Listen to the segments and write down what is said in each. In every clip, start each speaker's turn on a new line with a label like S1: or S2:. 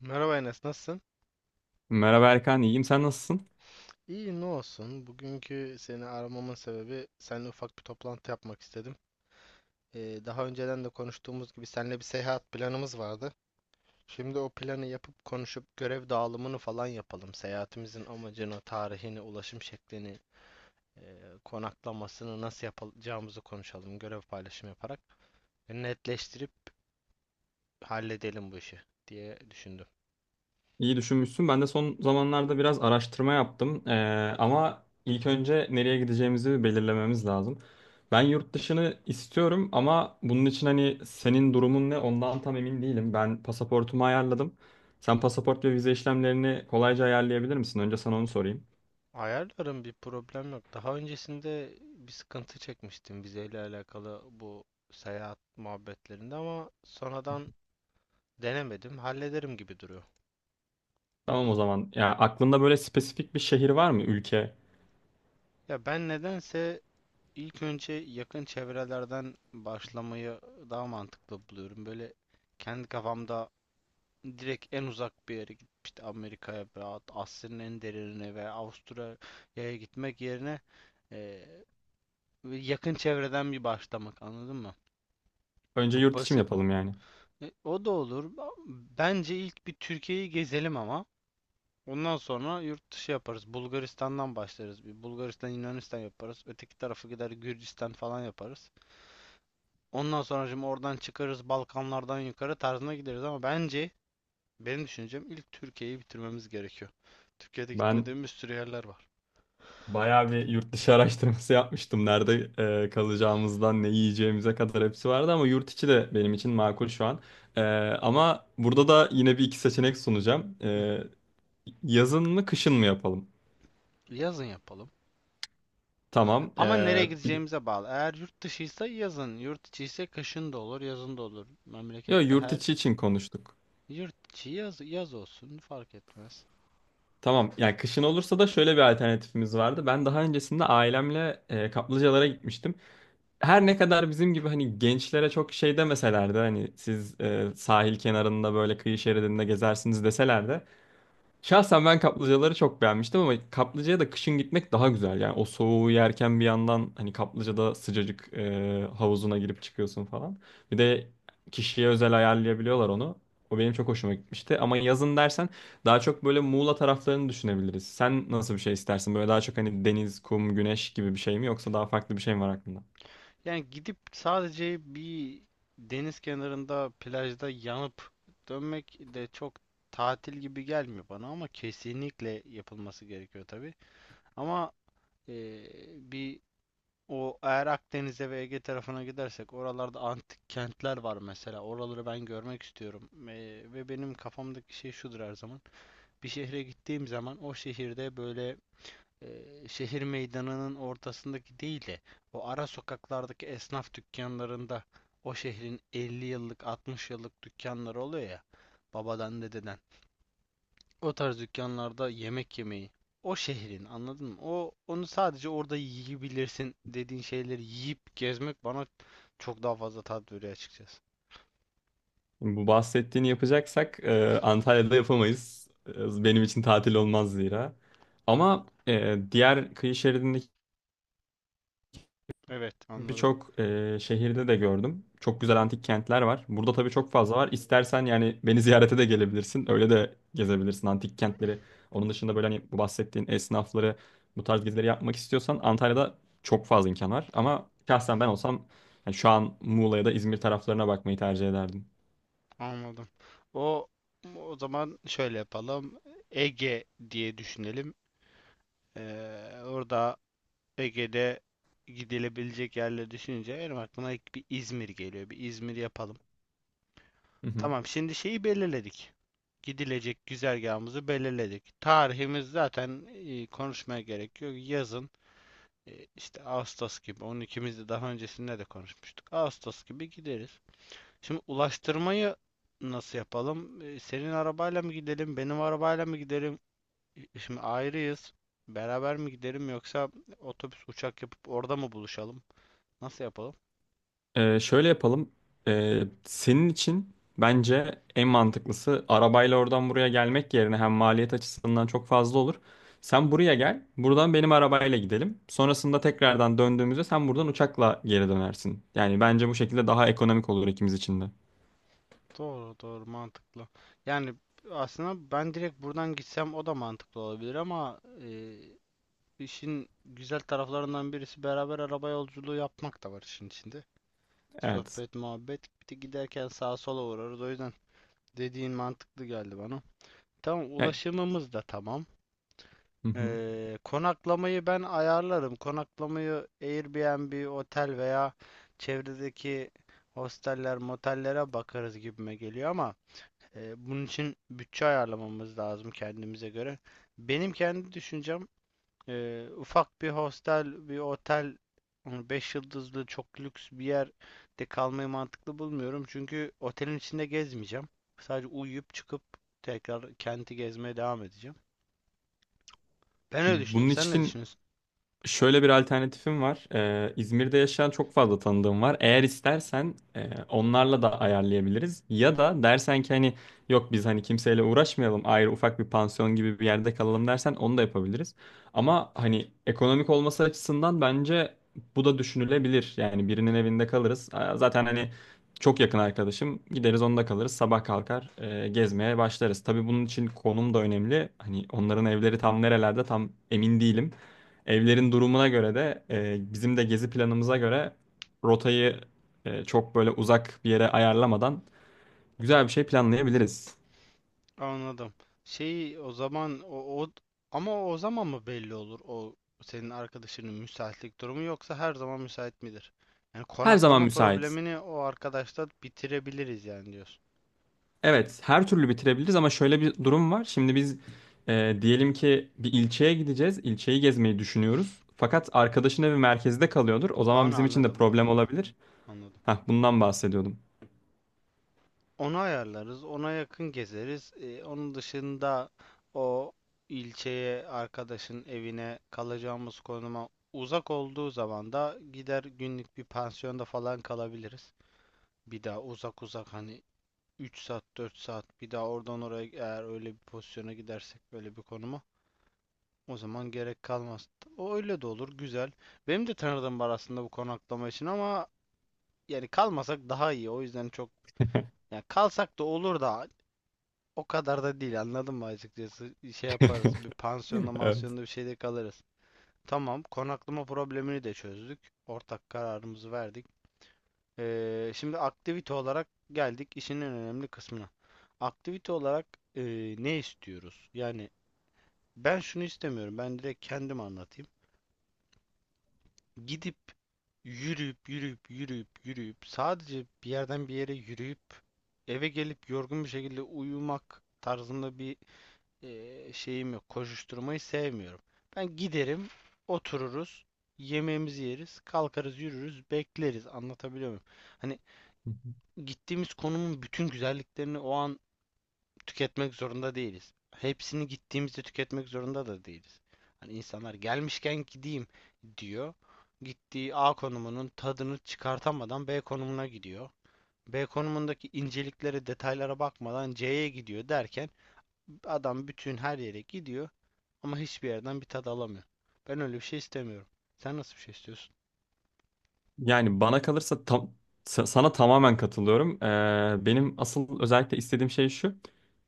S1: Merhaba Enes, nasılsın?
S2: Merhaba Erkan, iyiyim. Sen nasılsın?
S1: İyi, ne olsun. Bugünkü seni aramamın sebebi seninle ufak bir toplantı yapmak istedim. Daha önceden de konuştuğumuz gibi seninle bir seyahat planımız vardı. Şimdi o planı yapıp konuşup görev dağılımını falan yapalım. Seyahatimizin amacını, tarihini, ulaşım şeklini, e, konaklamasını nasıl yapacağımızı konuşalım. Görev paylaşımı yaparak netleştirip halledelim bu işi diye düşündüm.
S2: İyi düşünmüşsün. Ben de son zamanlarda biraz araştırma yaptım. Ama ilk önce nereye gideceğimizi bir belirlememiz lazım. Ben yurt dışını istiyorum ama bunun için hani senin durumun ne ondan tam emin değilim. Ben pasaportumu ayarladım. Sen pasaport ve vize işlemlerini kolayca ayarlayabilir misin? Önce sana onu sorayım.
S1: Ayarlarım, bir problem yok. Daha öncesinde bir sıkıntı çekmiştim vizeyle alakalı bu seyahat muhabbetlerinde ama sonradan denemedim. Hallederim gibi duruyor.
S2: Tamam o zaman. Ya aklında böyle spesifik bir şehir var mı? Ülke.
S1: Ya ben nedense ilk önce yakın çevrelerden başlamayı daha mantıklı buluyorum. Böyle kendi kafamda direkt en uzak bir yere gidip işte Amerika'ya veya Asya'nın en derinine veya Avustralya'ya gitmek yerine eee, yakın çevreden bir başlamak, anladın mı?
S2: Önce
S1: Bu
S2: yurt içi mi
S1: basit.
S2: yapalım yani?
S1: O da olur. Bence ilk bir Türkiye'yi gezelim ama. Ondan sonra yurt dışı yaparız. Bulgaristan'dan başlarız. Bir Bulgaristan, Yunanistan yaparız. Öteki tarafı gider Gürcistan falan yaparız. Ondan sonra şimdi oradan çıkarız, Balkanlardan yukarı tarzına gideriz, ama bence, benim düşüncem, ilk Türkiye'yi bitirmemiz gerekiyor. Türkiye'de
S2: Ben
S1: gitmediğimiz bir sürü yerler var.
S2: bayağı bir yurt dışı araştırması yapmıştım. Nerede kalacağımızdan ne yiyeceğimize kadar hepsi vardı ama yurt içi de benim için makul şu an. E, ama burada da yine bir iki seçenek sunacağım.
S1: Hı.
S2: Yazın mı kışın mı yapalım?
S1: Yazın yapalım.
S2: Tamam.
S1: Ama nereye
S2: Bir, de-
S1: gideceğimize bağlı. Eğer yurt dışıysa yazın, yurt içiyse kışın da olur, yazın da olur.
S2: yo,
S1: Memlekette
S2: yurt
S1: her.
S2: içi için konuştuk.
S1: Yurt içi yaz, yaz olsun fark etmez.
S2: Tamam. Yani kışın olursa da şöyle bir alternatifimiz vardı. Ben daha öncesinde ailemle kaplıcalara gitmiştim. Her ne kadar bizim gibi hani gençlere çok şey demeseler de hani siz sahil kenarında böyle kıyı şeridinde gezersiniz deseler de, şahsen ben kaplıcaları çok beğenmiştim ama kaplıcaya da kışın gitmek daha güzel. Yani o soğuğu yerken bir yandan hani kaplıcada sıcacık havuzuna girip çıkıyorsun falan. Bir de kişiye özel ayarlayabiliyorlar onu. O benim çok hoşuma gitmişti. Ama yazın dersen daha çok böyle Muğla taraflarını düşünebiliriz. Sen nasıl bir şey istersin? Böyle daha çok hani deniz, kum, güneş gibi bir şey mi yoksa daha farklı bir şey mi var aklında?
S1: Yani gidip sadece bir deniz kenarında plajda yanıp dönmek de çok tatil gibi gelmiyor bana, ama kesinlikle yapılması gerekiyor tabii. Ama bir o eğer Akdeniz'e ve Ege tarafına gidersek oralarda antik kentler var mesela. Oraları ben görmek istiyorum. Ve benim kafamdaki şey şudur her zaman. Bir şehre gittiğim zaman o şehirde böyle e, şehir meydanının ortasındaki değil de o ara sokaklardaki esnaf dükkanlarında, o şehrin 50 yıllık 60 yıllık dükkanları oluyor ya, babadan dededen. O tarz dükkanlarda yemek yemeyi, o şehrin, anladın mı? O, onu sadece orada yiyebilirsin dediğin şeyleri yiyip gezmek bana çok daha fazla tat veriyor açıkçası.
S2: Bu bahsettiğini yapacaksak Antalya'da yapamayız. Benim için tatil olmaz zira. Ama diğer kıyı şeridindeki
S1: Evet, anladım.
S2: birçok şehirde de gördüm. Çok
S1: Hı
S2: güzel
S1: hı,
S2: antik kentler var. Burada tabii çok fazla var. İstersen yani beni ziyarete de gelebilirsin. Öyle de gezebilirsin antik kentleri. Onun dışında böyle hani bu bahsettiğin esnafları, bu tarz gezileri yapmak istiyorsan Antalya'da çok fazla imkan var. Ama şahsen ben olsam yani şu an Muğla ya da İzmir taraflarına bakmayı tercih ederdim.
S1: anladım. O o zaman şöyle yapalım. Ege diye düşünelim. Orada, Ege'de, gidilebilecek yerleri düşününce benim aklıma ilk bir İzmir geliyor. Bir İzmir yapalım. Tamam, şimdi şeyi belirledik. Gidilecek güzergahımızı belirledik. Tarihimiz zaten, konuşmaya gerek yok. Yazın, işte Ağustos gibi. Onun ikimiz de daha öncesinde de konuşmuştuk. Ağustos gibi gideriz. Şimdi ulaştırmayı nasıl yapalım? Senin arabayla mı gidelim? Benim arabayla mı gidelim? Şimdi ayrıyız. Beraber mi gidelim yoksa otobüs, uçak yapıp orada mı buluşalım? Nasıl yapalım?
S2: Şöyle yapalım. Senin için bence en mantıklısı arabayla oradan buraya gelmek yerine hem maliyet açısından çok fazla olur. Sen buraya gel, buradan benim arabayla gidelim. Sonrasında tekrardan döndüğümüzde sen buradan uçakla geri dönersin. Yani bence bu şekilde daha ekonomik olur ikimiz için de.
S1: Doğru, doğru, mantıklı. Yani aslında ben direkt buradan gitsem o da mantıklı olabilir ama işin güzel taraflarından birisi beraber araba yolculuğu yapmak da var işin içinde.
S2: Evet.
S1: Sohbet, muhabbet. Bir de giderken sağa sola uğrarız. O yüzden dediğin mantıklı geldi bana. Tamam,
S2: Yani-
S1: ulaşımımız da tamam.
S2: Hı hı.
S1: Konaklamayı ben ayarlarım. Konaklamayı Airbnb, otel veya çevredeki hosteller, motellere bakarız gibime geliyor ama, bunun için bütçe ayarlamamız lazım kendimize göre. Benim kendi düşüncem, ufak bir hostel, bir otel, hani 5 yıldızlı çok lüks bir yerde kalmayı mantıklı bulmuyorum. Çünkü otelin içinde gezmeyeceğim. Sadece uyuyup çıkıp tekrar kenti gezmeye devam edeceğim. Ben öyle düşünüyorum.
S2: Bunun
S1: Sen ne
S2: için
S1: düşünüyorsun?
S2: şöyle bir alternatifim var. İzmir'de yaşayan çok fazla tanıdığım var. Eğer istersen onlarla da ayarlayabiliriz. Ya da dersen ki hani, yok, biz hani kimseyle uğraşmayalım. Ayrı ufak bir pansiyon gibi bir yerde kalalım dersen onu da yapabiliriz. Ama hani ekonomik olması açısından bence bu da düşünülebilir. Yani birinin evinde kalırız. Zaten hani çok yakın arkadaşım. Gideriz onda kalırız. Sabah kalkar gezmeye başlarız. Tabii bunun için konum da önemli. Hani onların evleri tam nerelerde tam emin değilim. Evlerin durumuna göre de bizim de gezi planımıza göre rotayı çok böyle uzak bir yere ayarlamadan güzel bir şey planlayabiliriz.
S1: Anladım. Şey, o zaman o ama o zaman mı belli olur, o senin arkadaşının müsaitlik durumu yoksa her zaman müsait midir? Yani
S2: Her zaman
S1: konaklama
S2: müsait.
S1: problemini o arkadaşla bitirebiliriz yani diyorsun.
S2: Evet, her türlü bitirebiliriz ama şöyle bir durum var. Şimdi biz diyelim ki bir ilçeye gideceğiz. İlçeyi gezmeyi düşünüyoruz. Fakat arkadaşın evi merkezde kalıyordur. O zaman
S1: Onu
S2: bizim için de
S1: anladım, onu
S2: problem
S1: anladım,
S2: olabilir.
S1: anladım.
S2: Hah, bundan bahsediyordum.
S1: Onu ayarlarız, ona yakın gezeriz. Onun dışında o ilçeye, arkadaşın evine, kalacağımız konuma uzak olduğu zaman da gider günlük bir pansiyonda falan kalabiliriz. Bir daha uzak uzak hani 3 saat 4 saat bir daha oradan oraya, eğer öyle bir pozisyona gidersek, böyle bir konuma, o zaman gerek kalmaz. O öyle de olur, güzel. Benim de tanıdığım var aslında bu konaklama için ama yani kalmasak daha iyi. O yüzden çok, yani kalsak da olur da o kadar da değil, anladın mı, açıkçası? Şey yaparız, bir pansiyonda
S2: Evet.
S1: mansiyonda bir şeyde kalırız. Tamam, konaklama problemini de çözdük. Ortak kararımızı verdik. Şimdi aktivite olarak geldik işin en önemli kısmına. Aktivite olarak e, ne istiyoruz? Yani ben şunu istemiyorum. Ben direkt kendim anlatayım. Gidip yürüyüp sadece bir yerden bir yere yürüyüp eve gelip yorgun bir şekilde uyumak tarzında bir şeyim yok. Koşuşturmayı sevmiyorum. Ben giderim, otururuz, yemeğimizi yeriz, kalkarız, yürürüz, bekleriz. Anlatabiliyor muyum? Hani gittiğimiz konumun bütün güzelliklerini o an tüketmek zorunda değiliz. Hepsini gittiğimizde tüketmek zorunda da değiliz. Hani insanlar gelmişken gideyim diyor. Gittiği A konumunun tadını çıkartamadan B konumuna gidiyor. B konumundaki inceliklere, detaylara bakmadan C'ye gidiyor derken adam bütün her yere gidiyor ama hiçbir yerden bir tad alamıyor. Ben öyle bir şey istemiyorum. Sen nasıl bir şey istiyorsun?
S2: Yani bana kalırsa tam, sana tamamen katılıyorum. Benim asıl özellikle istediğim şey şu.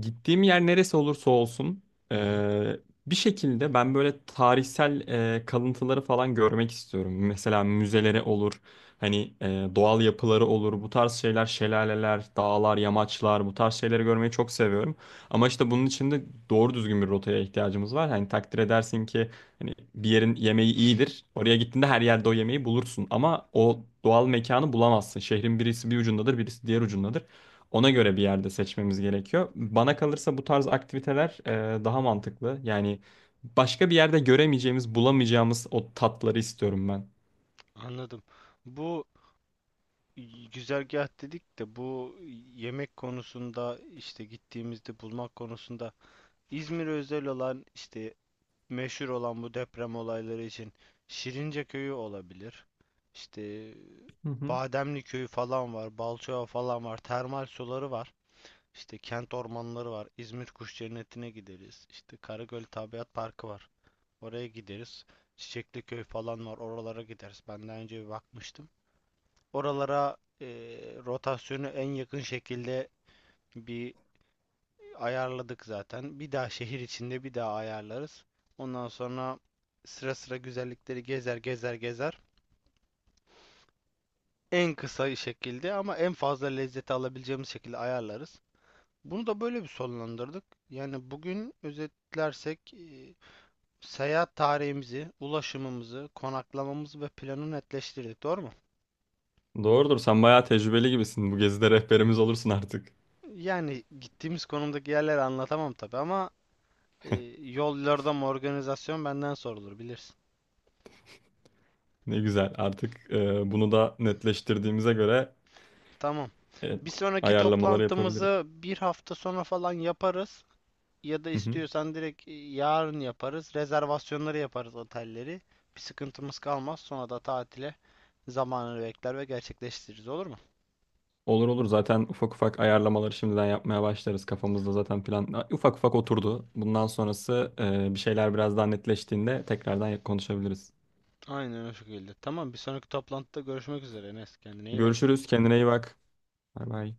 S2: Gittiğim yer neresi olursa olsun
S1: Hı hı,
S2: ee, bir şekilde ben böyle tarihsel kalıntıları falan görmek istiyorum. Mesela müzeleri olur, hani doğal yapıları olur, bu tarz şeyler, şelaleler, dağlar, yamaçlar, bu tarz şeyleri görmeyi çok seviyorum. Ama işte bunun için de doğru düzgün bir rotaya ihtiyacımız var. Hani takdir edersin ki, hani bir yerin yemeği iyidir. Oraya gittiğinde her yerde o yemeği bulursun. Ama o doğal mekanı bulamazsın. Şehrin birisi bir ucundadır, birisi diğer ucundadır. Ona göre bir yerde seçmemiz gerekiyor. Bana kalırsa bu tarz aktiviteler daha mantıklı. Yani başka bir yerde göremeyeceğimiz, bulamayacağımız o tatları istiyorum ben.
S1: anladım. Bu güzergah dedik de, bu yemek konusunda, işte gittiğimizde bulmak konusunda, İzmir özel olan, işte meşhur olan, bu deprem olayları için Şirince köyü olabilir. İşte
S2: Hı hı.
S1: Bademli köyü falan var, Balçova falan var, termal suları var. İşte kent ormanları var. İzmir Kuş Cenneti'ne gideriz. İşte Karagöl Tabiat Parkı var. Oraya gideriz. Çiçekli köy falan var. Oralara gideriz. Ben daha önce bir bakmıştım. Oralara rotasyonu en yakın şekilde bir ayarladık zaten. Bir daha şehir içinde bir daha ayarlarız. Ondan sonra sıra sıra güzellikleri gezer. En kısa şekilde ama en fazla lezzeti alabileceğimiz şekilde ayarlarız. Bunu da böyle bir sonlandırdık. Yani bugün özetlersek seyahat tarihimizi, ulaşımımızı, konaklamamızı ve planı netleştirdik. Doğru mu?
S2: Doğrudur. Sen bayağı tecrübeli gibisin. Bu gezide rehberimiz olursun artık.
S1: Yani gittiğimiz konumdaki yerleri anlatamam tabii ama, Ee, yol yordam organizasyon benden sorulur bilirsin.
S2: Ne güzel. Artık bunu da netleştirdiğimize göre
S1: Tamam.
S2: e,
S1: Bir sonraki
S2: ayarlamaları yapabiliriz.
S1: toplantımızı bir hafta sonra falan yaparız. Ya da
S2: Hı hı.
S1: istiyorsan direkt yarın yaparız. Rezervasyonları yaparız, otelleri. Bir sıkıntımız kalmaz. Sonra da tatile zamanını bekler ve gerçekleştiririz, olur mu?
S2: Olur olur, zaten ufak ufak ayarlamaları şimdiden yapmaya başlarız. Kafamızda zaten plan ufak ufak oturdu. Bundan sonrası bir şeyler biraz daha netleştiğinde tekrardan konuşabiliriz.
S1: Aynen o şekilde. Tamam, bir sonraki toplantıda görüşmek üzere Enes. Kendine iyi bak.
S2: Görüşürüz. Kendine iyi bak. Bay bay.